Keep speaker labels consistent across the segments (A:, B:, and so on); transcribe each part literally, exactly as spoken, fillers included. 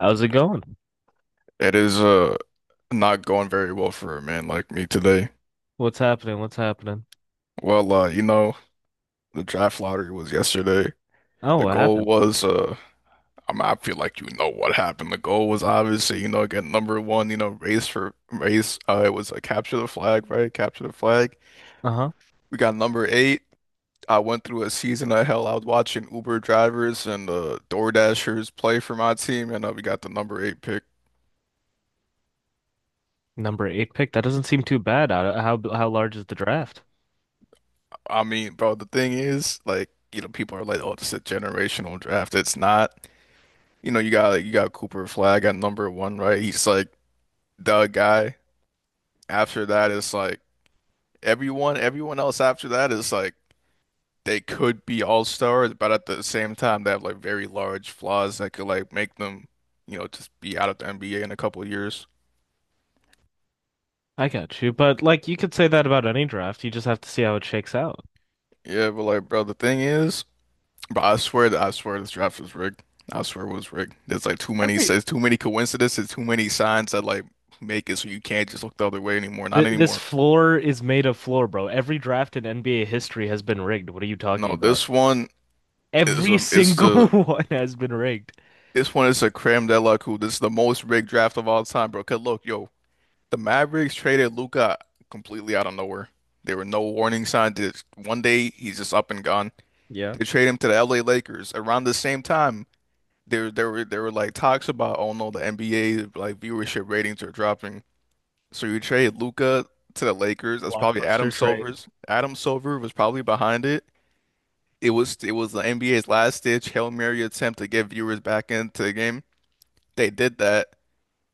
A: How's it going?
B: It is uh not going very well for a man like me today.
A: What's happening? What's happening?
B: Well, uh, you know, the draft lottery was yesterday.
A: Oh,
B: The
A: what
B: goal
A: happened?
B: was uh I mean, I feel like you know what happened. The goal was obviously, you know, get number one, you know, race for race. Uh, it was a capture the flag, right? Capture the flag.
A: Uh-huh.
B: We got number eight. I went through a season of hell. I was watching Uber drivers and uh DoorDashers play for my team, and uh, we got the number eight pick.
A: Number eight pick. That doesn't seem too bad. How how how large is the draft?
B: I mean, bro, the thing is, like, you know, people are like, oh, it's a generational draft. It's not. You know, you got like, you got Cooper Flag at number one, right? He's like the guy. After that, it's like everyone, everyone else after that is like they could be all stars, but at the same time, they have like very large flaws that could like make them, you know, just be out of the N B A in a couple of years.
A: I got you. But like you could say that about any draft. You just have to see how it shakes out.
B: Yeah, but like, bro, the thing is, but I swear that I swear this draft was rigged. I swear it was rigged. There's like too many,
A: Every
B: there's too many coincidences, too many signs that like make it so you can't just look the other way anymore. Not
A: Th this
B: anymore.
A: floor is made of floor, bro. Every draft in N B A history has been rigged. What are you talking
B: No,
A: about?
B: this one is
A: Every
B: um, it's
A: single
B: the
A: one has been rigged.
B: This one is a creme de la coupe. This is the most rigged draft of all time, bro. Cause look, yo, the Mavericks traded Luka completely out of nowhere. There were no warning signs. Just one day he's just up and gone.
A: Yeah.
B: They trade him to the L A Lakers. Around the same time, there there were there were like talks about, oh no, the N B A like viewership ratings are dropping. So you trade Luka to the Lakers. That's probably Adam
A: Blockbuster trade.
B: Silver's. Adam Silver was probably behind it. It was it was the N B A's last ditch Hail Mary attempt to get viewers back into the game. They did that.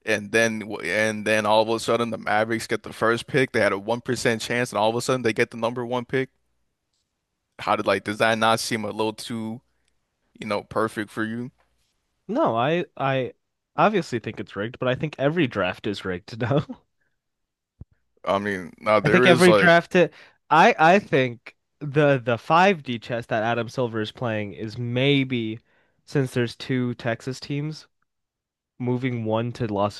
B: And then and then all of a sudden the Mavericks get the first pick. They had a one percent chance and all of a sudden they get the number one pick. How did like does that not seem a little too, you know, perfect for you?
A: No, I I obviously think it's rigged, but I think every draft is rigged now.
B: I mean, now
A: I think
B: there is
A: every
B: like
A: draft it, I I think the the five D chess that Adam Silver is playing is maybe, since there's two Texas teams moving one to Las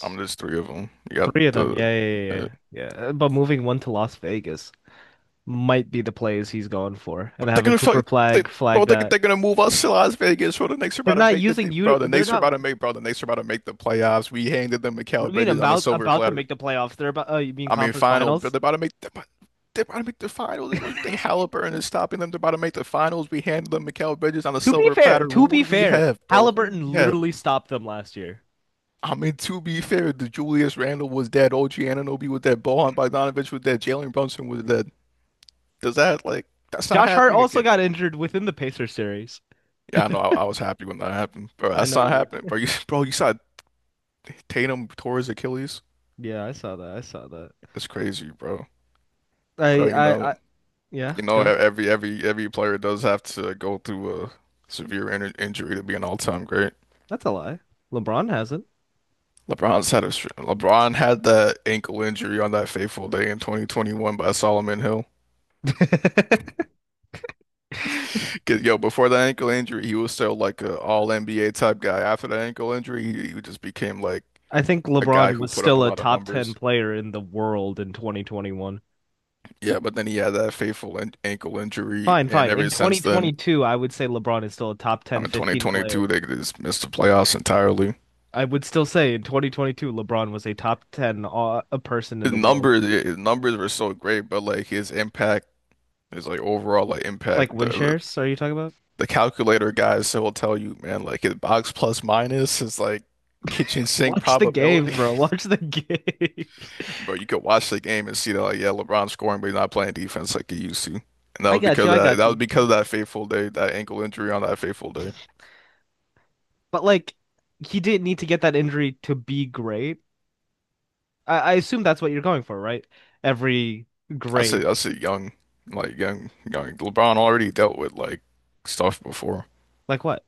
B: I'm there's three of them. You got
A: Three of them. Yeah,
B: the
A: yeah, yeah, yeah.
B: uh,
A: Yeah. Uh, but moving one to Las Vegas might be the plays he's going for and
B: but they're
A: having
B: gonna
A: Cooper
B: fuck they,
A: flag
B: bro,
A: flag
B: they,
A: that.
B: they're gonna move us to Las Vegas, bro. The Knicks are
A: They're
B: about to
A: not
B: make the
A: using you.
B: bro, the
A: They're
B: Knicks are
A: not.
B: about to make bro, the Knicks are about to make the playoffs. We handed them
A: What do
B: Mikal
A: you mean
B: Bridges on a
A: about
B: silver
A: about to
B: platter.
A: make the playoffs? They're about, uh, you mean
B: I mean,
A: conference
B: final, but
A: finals?
B: they're about to make they're about, they're about to make the finals. Like, what do you think Halliburton is stopping them? They're about to make the finals. We handle them Mikal Bridges on a
A: To be
B: silver
A: fair,
B: platter. Well,
A: to
B: who
A: be
B: do we
A: fair,
B: have, bro? Who do we
A: Halliburton
B: have?
A: literally stopped them last year.
B: I mean, to be fair, the Julius Randle was dead. O G Anunoby was dead. Bojan Bogdanovic was dead. Jalen Brunson was dead. Does that like that's not
A: Josh Hart
B: happening
A: also
B: again?
A: got injured within the Pacers series.
B: Yeah, I know. I, I was happy when that happened, bro.
A: I
B: That's
A: know
B: not
A: you
B: happening,
A: were.
B: bro. You, bro, you saw Tatum tore his Achilles.
A: Yeah, I saw that. I saw that.
B: It's crazy, bro. Bro,
A: I,
B: you know.
A: I, I Yeah,
B: You know, e-
A: go.
B: every every every player does have to go through a severe in injury to be an all-time great.
A: That's a lie. LeBron hasn't.
B: LeBron's had a str- LeBron had that ankle injury on that fateful day in twenty twenty-one by Solomon Hill. 'Cause, yo, before that ankle injury, he was still like a all N B A type guy. After that ankle injury, he, he just became like
A: I think
B: a guy
A: LeBron
B: who
A: was
B: put up a
A: still a
B: lot of
A: top ten
B: numbers.
A: player in the world in twenty twenty-one.
B: Yeah, but then he had that fateful an ankle injury,
A: Fine,
B: and
A: fine. In
B: ever since then,
A: twenty twenty-two, I would say LeBron is still a top
B: I
A: ten,
B: mean,
A: fifteen player.
B: twenty twenty-two, they just missed the playoffs entirely.
A: I would still say in twenty twenty-two, LeBron was a top ten, uh, a person in
B: His
A: the world.
B: numbers yeah, his numbers were so great, but like his impact, his like overall like
A: Like
B: impact, the
A: win
B: the,
A: shares, are you talking about?
B: the calculator guys so will tell you, man, like his box plus minus is like kitchen sink
A: Watch the games,
B: probability.
A: bro. Watch the games.
B: Bro, you could watch the game and see that like yeah, LeBron's scoring, but he's not playing defense like he used to. And that
A: I
B: was
A: got
B: because
A: you.
B: of
A: I
B: that
A: got
B: that was
A: you.
B: because of that fateful day, that ankle injury on that fateful day.
A: But like he didn't need to get that injury to be great. I, I assume that's what you're going for, right? Every
B: I say
A: great.
B: I say young, like young young LeBron already dealt with like stuff before.
A: Like what?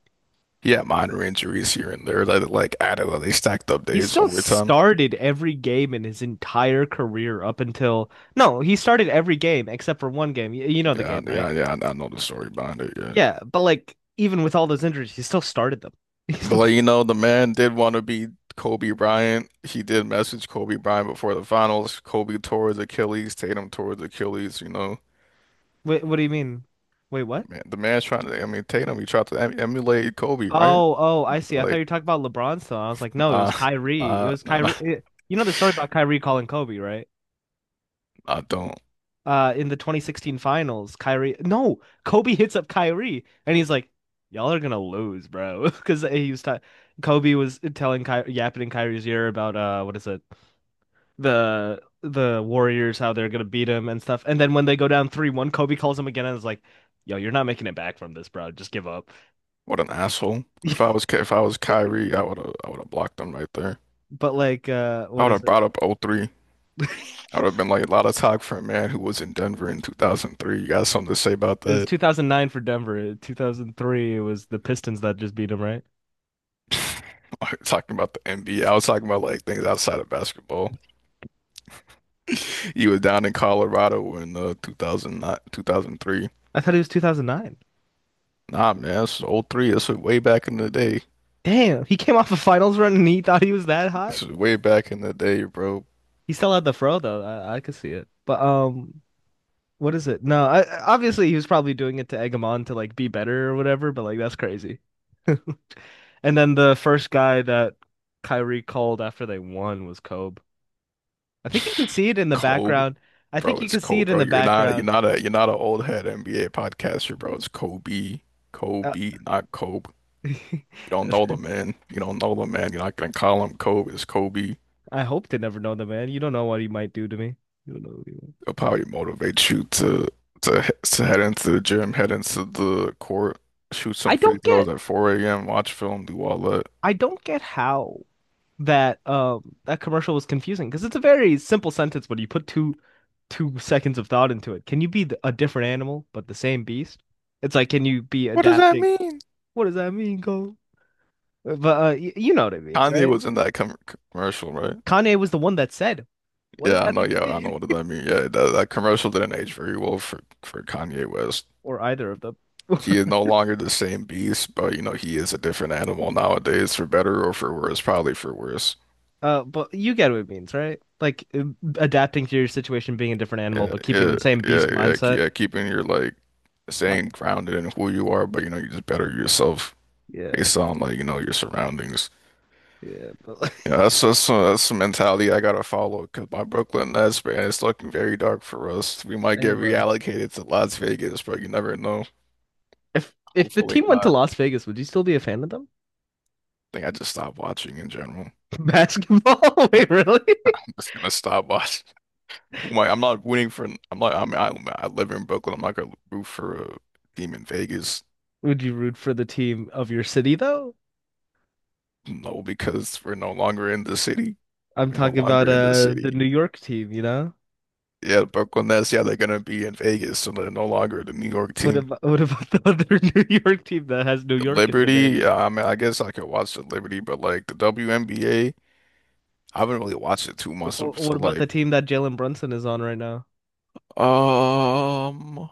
B: He had minor injuries here and there that like added when they stacked up
A: He
B: days
A: still
B: over time.
A: started every game in his entire career up until, no, he started every game except for one game. You, you know the
B: Yeah,
A: game, right?
B: yeah, yeah. I I know the story behind it. Yeah,
A: Yeah, but like even with all those injuries, he still started them. He
B: but
A: still.
B: like you know, the man did want to be Kobe Bryant. He did message Kobe Bryant before the finals. Kobe tore his Achilles. Tatum tore his Achilles. You know,
A: Wait, what do you mean? Wait,
B: the
A: what?
B: man, the man's trying to. I mean, Tatum, he tried to em emulate Kobe, right?
A: Oh, oh, I see. I thought
B: Like,
A: you were talking about LeBron still. I was like, no, it was
B: nah,
A: Kyrie. It
B: nah,
A: was
B: nah, nah,
A: Kyrie. It- you know the story about Kyrie calling Kobe, right?
B: I don't.
A: Uh in the twenty sixteen finals, Kyrie no, Kobe hits up Kyrie and he's like, y'all are gonna lose, bro. Because he was t Kobe was telling Kyrie, yapping in Kyrie's ear about, uh what is it? The the Warriors, how they're gonna beat him and stuff. And then when they go down three one, Kobe calls him again and is like, yo, you're not making it back from this, bro. Just give up.
B: What an asshole. If I was Ka- if I was Kyrie, I would have I would have blocked him right there.
A: But like, uh
B: I
A: what
B: would
A: is
B: have
A: it?
B: brought up O three. I would have been like, a lot of talk for a man who was in Denver in two thousand three. You got something to say about
A: It was
B: that?
A: two thousand nine for Denver. two thousand three, it was the Pistons that just beat him, right?
B: Talking about the N B A, I was talking about like things outside of basketball. You was down in Colorado in uh, two thousand nine two thousand three.
A: I thought it was two thousand nine.
B: Nah, man, that's oh 03. That's way back in the day.
A: Damn, he came off a finals run and he thought he was that hot.
B: This is way back in the day, bro.
A: He still had the fro though. I, I could see it. But um, what is it? No, I, obviously he was probably doing it to egg him on to like be better or whatever. But like that's crazy. And then the first guy that Kyrie called after they won was Kobe. I think you can see it in the
B: Kobe,
A: background. I
B: bro,
A: think you
B: it's
A: can see
B: Kobe,
A: it in
B: bro.
A: the
B: You're not, you're
A: background.
B: not a, you're not an old head N B A podcaster, bro. It's Kobe,
A: Uh,
B: Kobe, not Kobe. You don't know the man. You don't know the man. You're not gonna call him Kobe. It's Kobe.
A: I hope they never know the man. You don't know what he might do to me. You don't know. What he might-
B: It'll probably motivate you to to to head into the gym, head into the court, shoot
A: I
B: some free
A: don't get.
B: throws at four a m, watch film, do all that.
A: I don't get how that um that commercial was confusing because it's a very simple sentence, but you put two two seconds of thought into it. Can you be th- a different animal but the same beast? It's like, can you be
B: What does that
A: adapting?
B: mean?
A: What does that mean, Cole? Uh, But uh, y you know what it means,
B: Kanye
A: right?
B: was in that com commercial, right?
A: Kanye was the one that said, "What does
B: Yeah, I
A: that
B: know.
A: even
B: Yeah, I know.
A: mean?"
B: What does that mean? Yeah, that, that commercial didn't age very well for for Kanye West.
A: Or either of them.
B: He is no longer the same beast, but you know he is a different animal nowadays, for better or for worse. Probably for worse.
A: Uh, but you get what it means, right? Like, uh, adapting to your situation, being a different animal,
B: Yeah,
A: but keeping
B: yeah,
A: the same
B: yeah,
A: beast
B: yeah. ke-
A: mindset.
B: yeah, keeping your like
A: My-
B: staying grounded in who you are, but you know you just better yourself.
A: Yeah,
B: Based on like you know your surroundings.
A: yeah. But,
B: You know, that's that's uh, that's the mentality I gotta follow because my Brooklyn Nets man, it's looking very dark for us. We might
A: hey,
B: get
A: bro.
B: reallocated to Las Vegas, but you never know.
A: If if the
B: Hopefully
A: team went
B: not.
A: to
B: I
A: Las Vegas, would you still be a fan of them?
B: think I just stopped watching in general.
A: Basketball? Wait, really?
B: I'm just gonna stop watching. Who am I? I'm not rooting for. I'm not. I mean, I, I live in Brooklyn. I'm not gonna root for a team in Vegas.
A: Would you root for the team of your city though?
B: No, because we're no longer in the city.
A: I'm
B: We're no
A: talking about
B: longer in the
A: uh the
B: city.
A: New York team, you know?
B: Yeah, Brooklyn Nets. Yeah, they're gonna be in Vegas, so they're no longer the New York
A: What
B: team.
A: about what about the other New York team that has New York in the name?
B: Liberty, uh, I mean, I guess I could watch the Liberty, but like the W N B A, I haven't really watched it too much. So,
A: What, what
B: so,
A: about
B: like,
A: the team that Jalen Brunson is on right now?
B: um,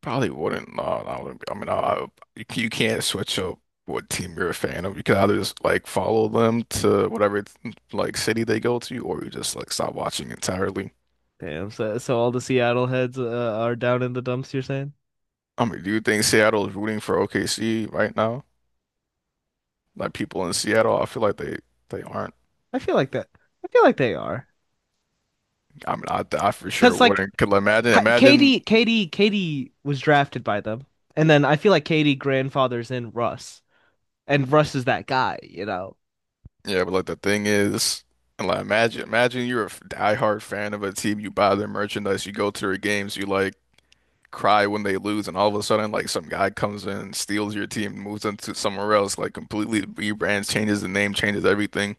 B: probably wouldn't. No, no, I wouldn't. be- I mean, I- you, c- you can't switch up what team you're a fan of. You can either just like follow them to whatever like city they go to, or you just like stop watching entirely.
A: Damn, so so all the Seattle heads, uh, are down in the dumps, you're saying?
B: I mean, do you think Seattle is rooting for O K C right now? Like people in Seattle, I feel like they they aren't.
A: I feel like that. I feel like they are.
B: I mean, I, I for sure
A: Because like,
B: wouldn't. Could imagine
A: uh,
B: imagine
A: Katie Katie Katie was drafted by them. And then I feel like Katie grandfathers in Russ. And Russ is that guy, you know.
B: yeah, but like the thing is, like imagine imagine you're a f- diehard fan of a team, you buy their merchandise, you go to their games, you like cry when they lose, and all of a sudden like some guy comes in, steals your team, moves into somewhere else, like completely rebrands, changes the name, changes everything.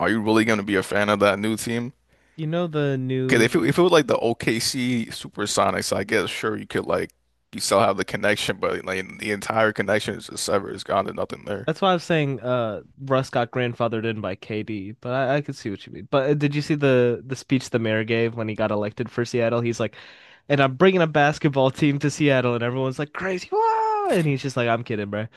B: Are you really gonna be a fan of that new team?
A: You know the
B: Okay, if it,
A: new.
B: if it was like the O K C Supersonics, I guess sure you could like you still have the connection, but like the entire connection is just severed, it's gone, there's nothing there.
A: That's why I was saying, uh, Russ got grandfathered in by K D, but I, I could see what you mean. But uh, did you see the the speech the mayor gave when he got elected for Seattle? He's like, and I'm bringing a basketball team to Seattle, and everyone's like, crazy, wow! And he's just like, I'm kidding, bro.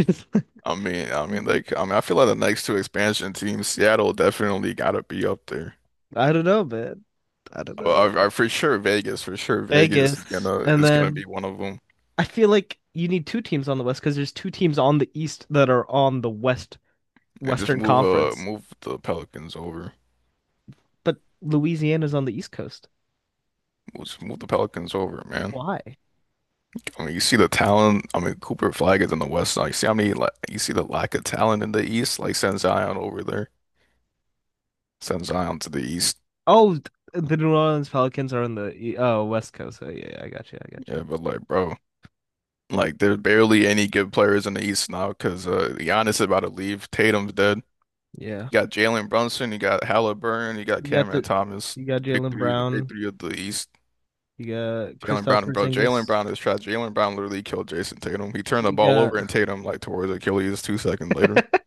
B: I mean, I mean, like, I mean, I feel like the next two expansion teams, Seattle definitely gotta be up there.
A: I don't know, man. I don't know.
B: Well, I, I for sure Vegas, for sure Vegas is
A: Vegas,
B: gonna
A: and
B: is gonna
A: then
B: be one of them,
A: I feel like you need two teams on the West because there's two teams on the East that are on the West
B: and just
A: Western
B: move uh
A: Conference.
B: move the Pelicans over,
A: But Louisiana's on the East Coast.
B: just move the Pelicans over, man.
A: Why?
B: I mean, you see the talent. I mean, Cooper Flag is in the West now. You see how many like you see the lack of talent in the East. Like, send Zion over there, send Zion to the East.
A: Oh, the New Orleans Pelicans are on the E- oh West Coast. Oh, yeah, yeah, I got you. I got you.
B: Yeah, but like, bro. Like there's barely any good players in the East now because uh, Giannis is about to leave. Tatum's dead.
A: Yeah,
B: You got Jalen Brunson, you got Halliburton, you got
A: you got
B: Cameron
A: the
B: Thomas,
A: you got
B: the big
A: Jalen
B: three, the big
A: Brown.
B: three of the East.
A: You got
B: Jalen
A: Kristaps
B: Brown, and bro, Jalen
A: Porzingis.
B: Brown is trash. Jalen Brown literally killed Jason Tatum. He turned the
A: You
B: ball
A: got
B: over and Tatum like towards Achilles two seconds later.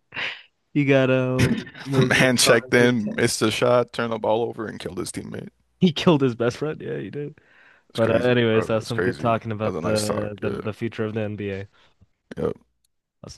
A: you got um what
B: The
A: is it?
B: man
A: Carl
B: checked
A: Anthony
B: in,
A: Towns.
B: missed a shot, turned the ball over and killed his teammate.
A: He killed his best friend. Yeah, he did.
B: It's
A: But uh,
B: crazy,
A: anyways,
B: bro.
A: uh,
B: It's
A: some good
B: crazy.
A: talking
B: That was
A: about
B: a nice talk.
A: the the,
B: Yeah.
A: the future of the N B A.
B: Yeah.
A: I'll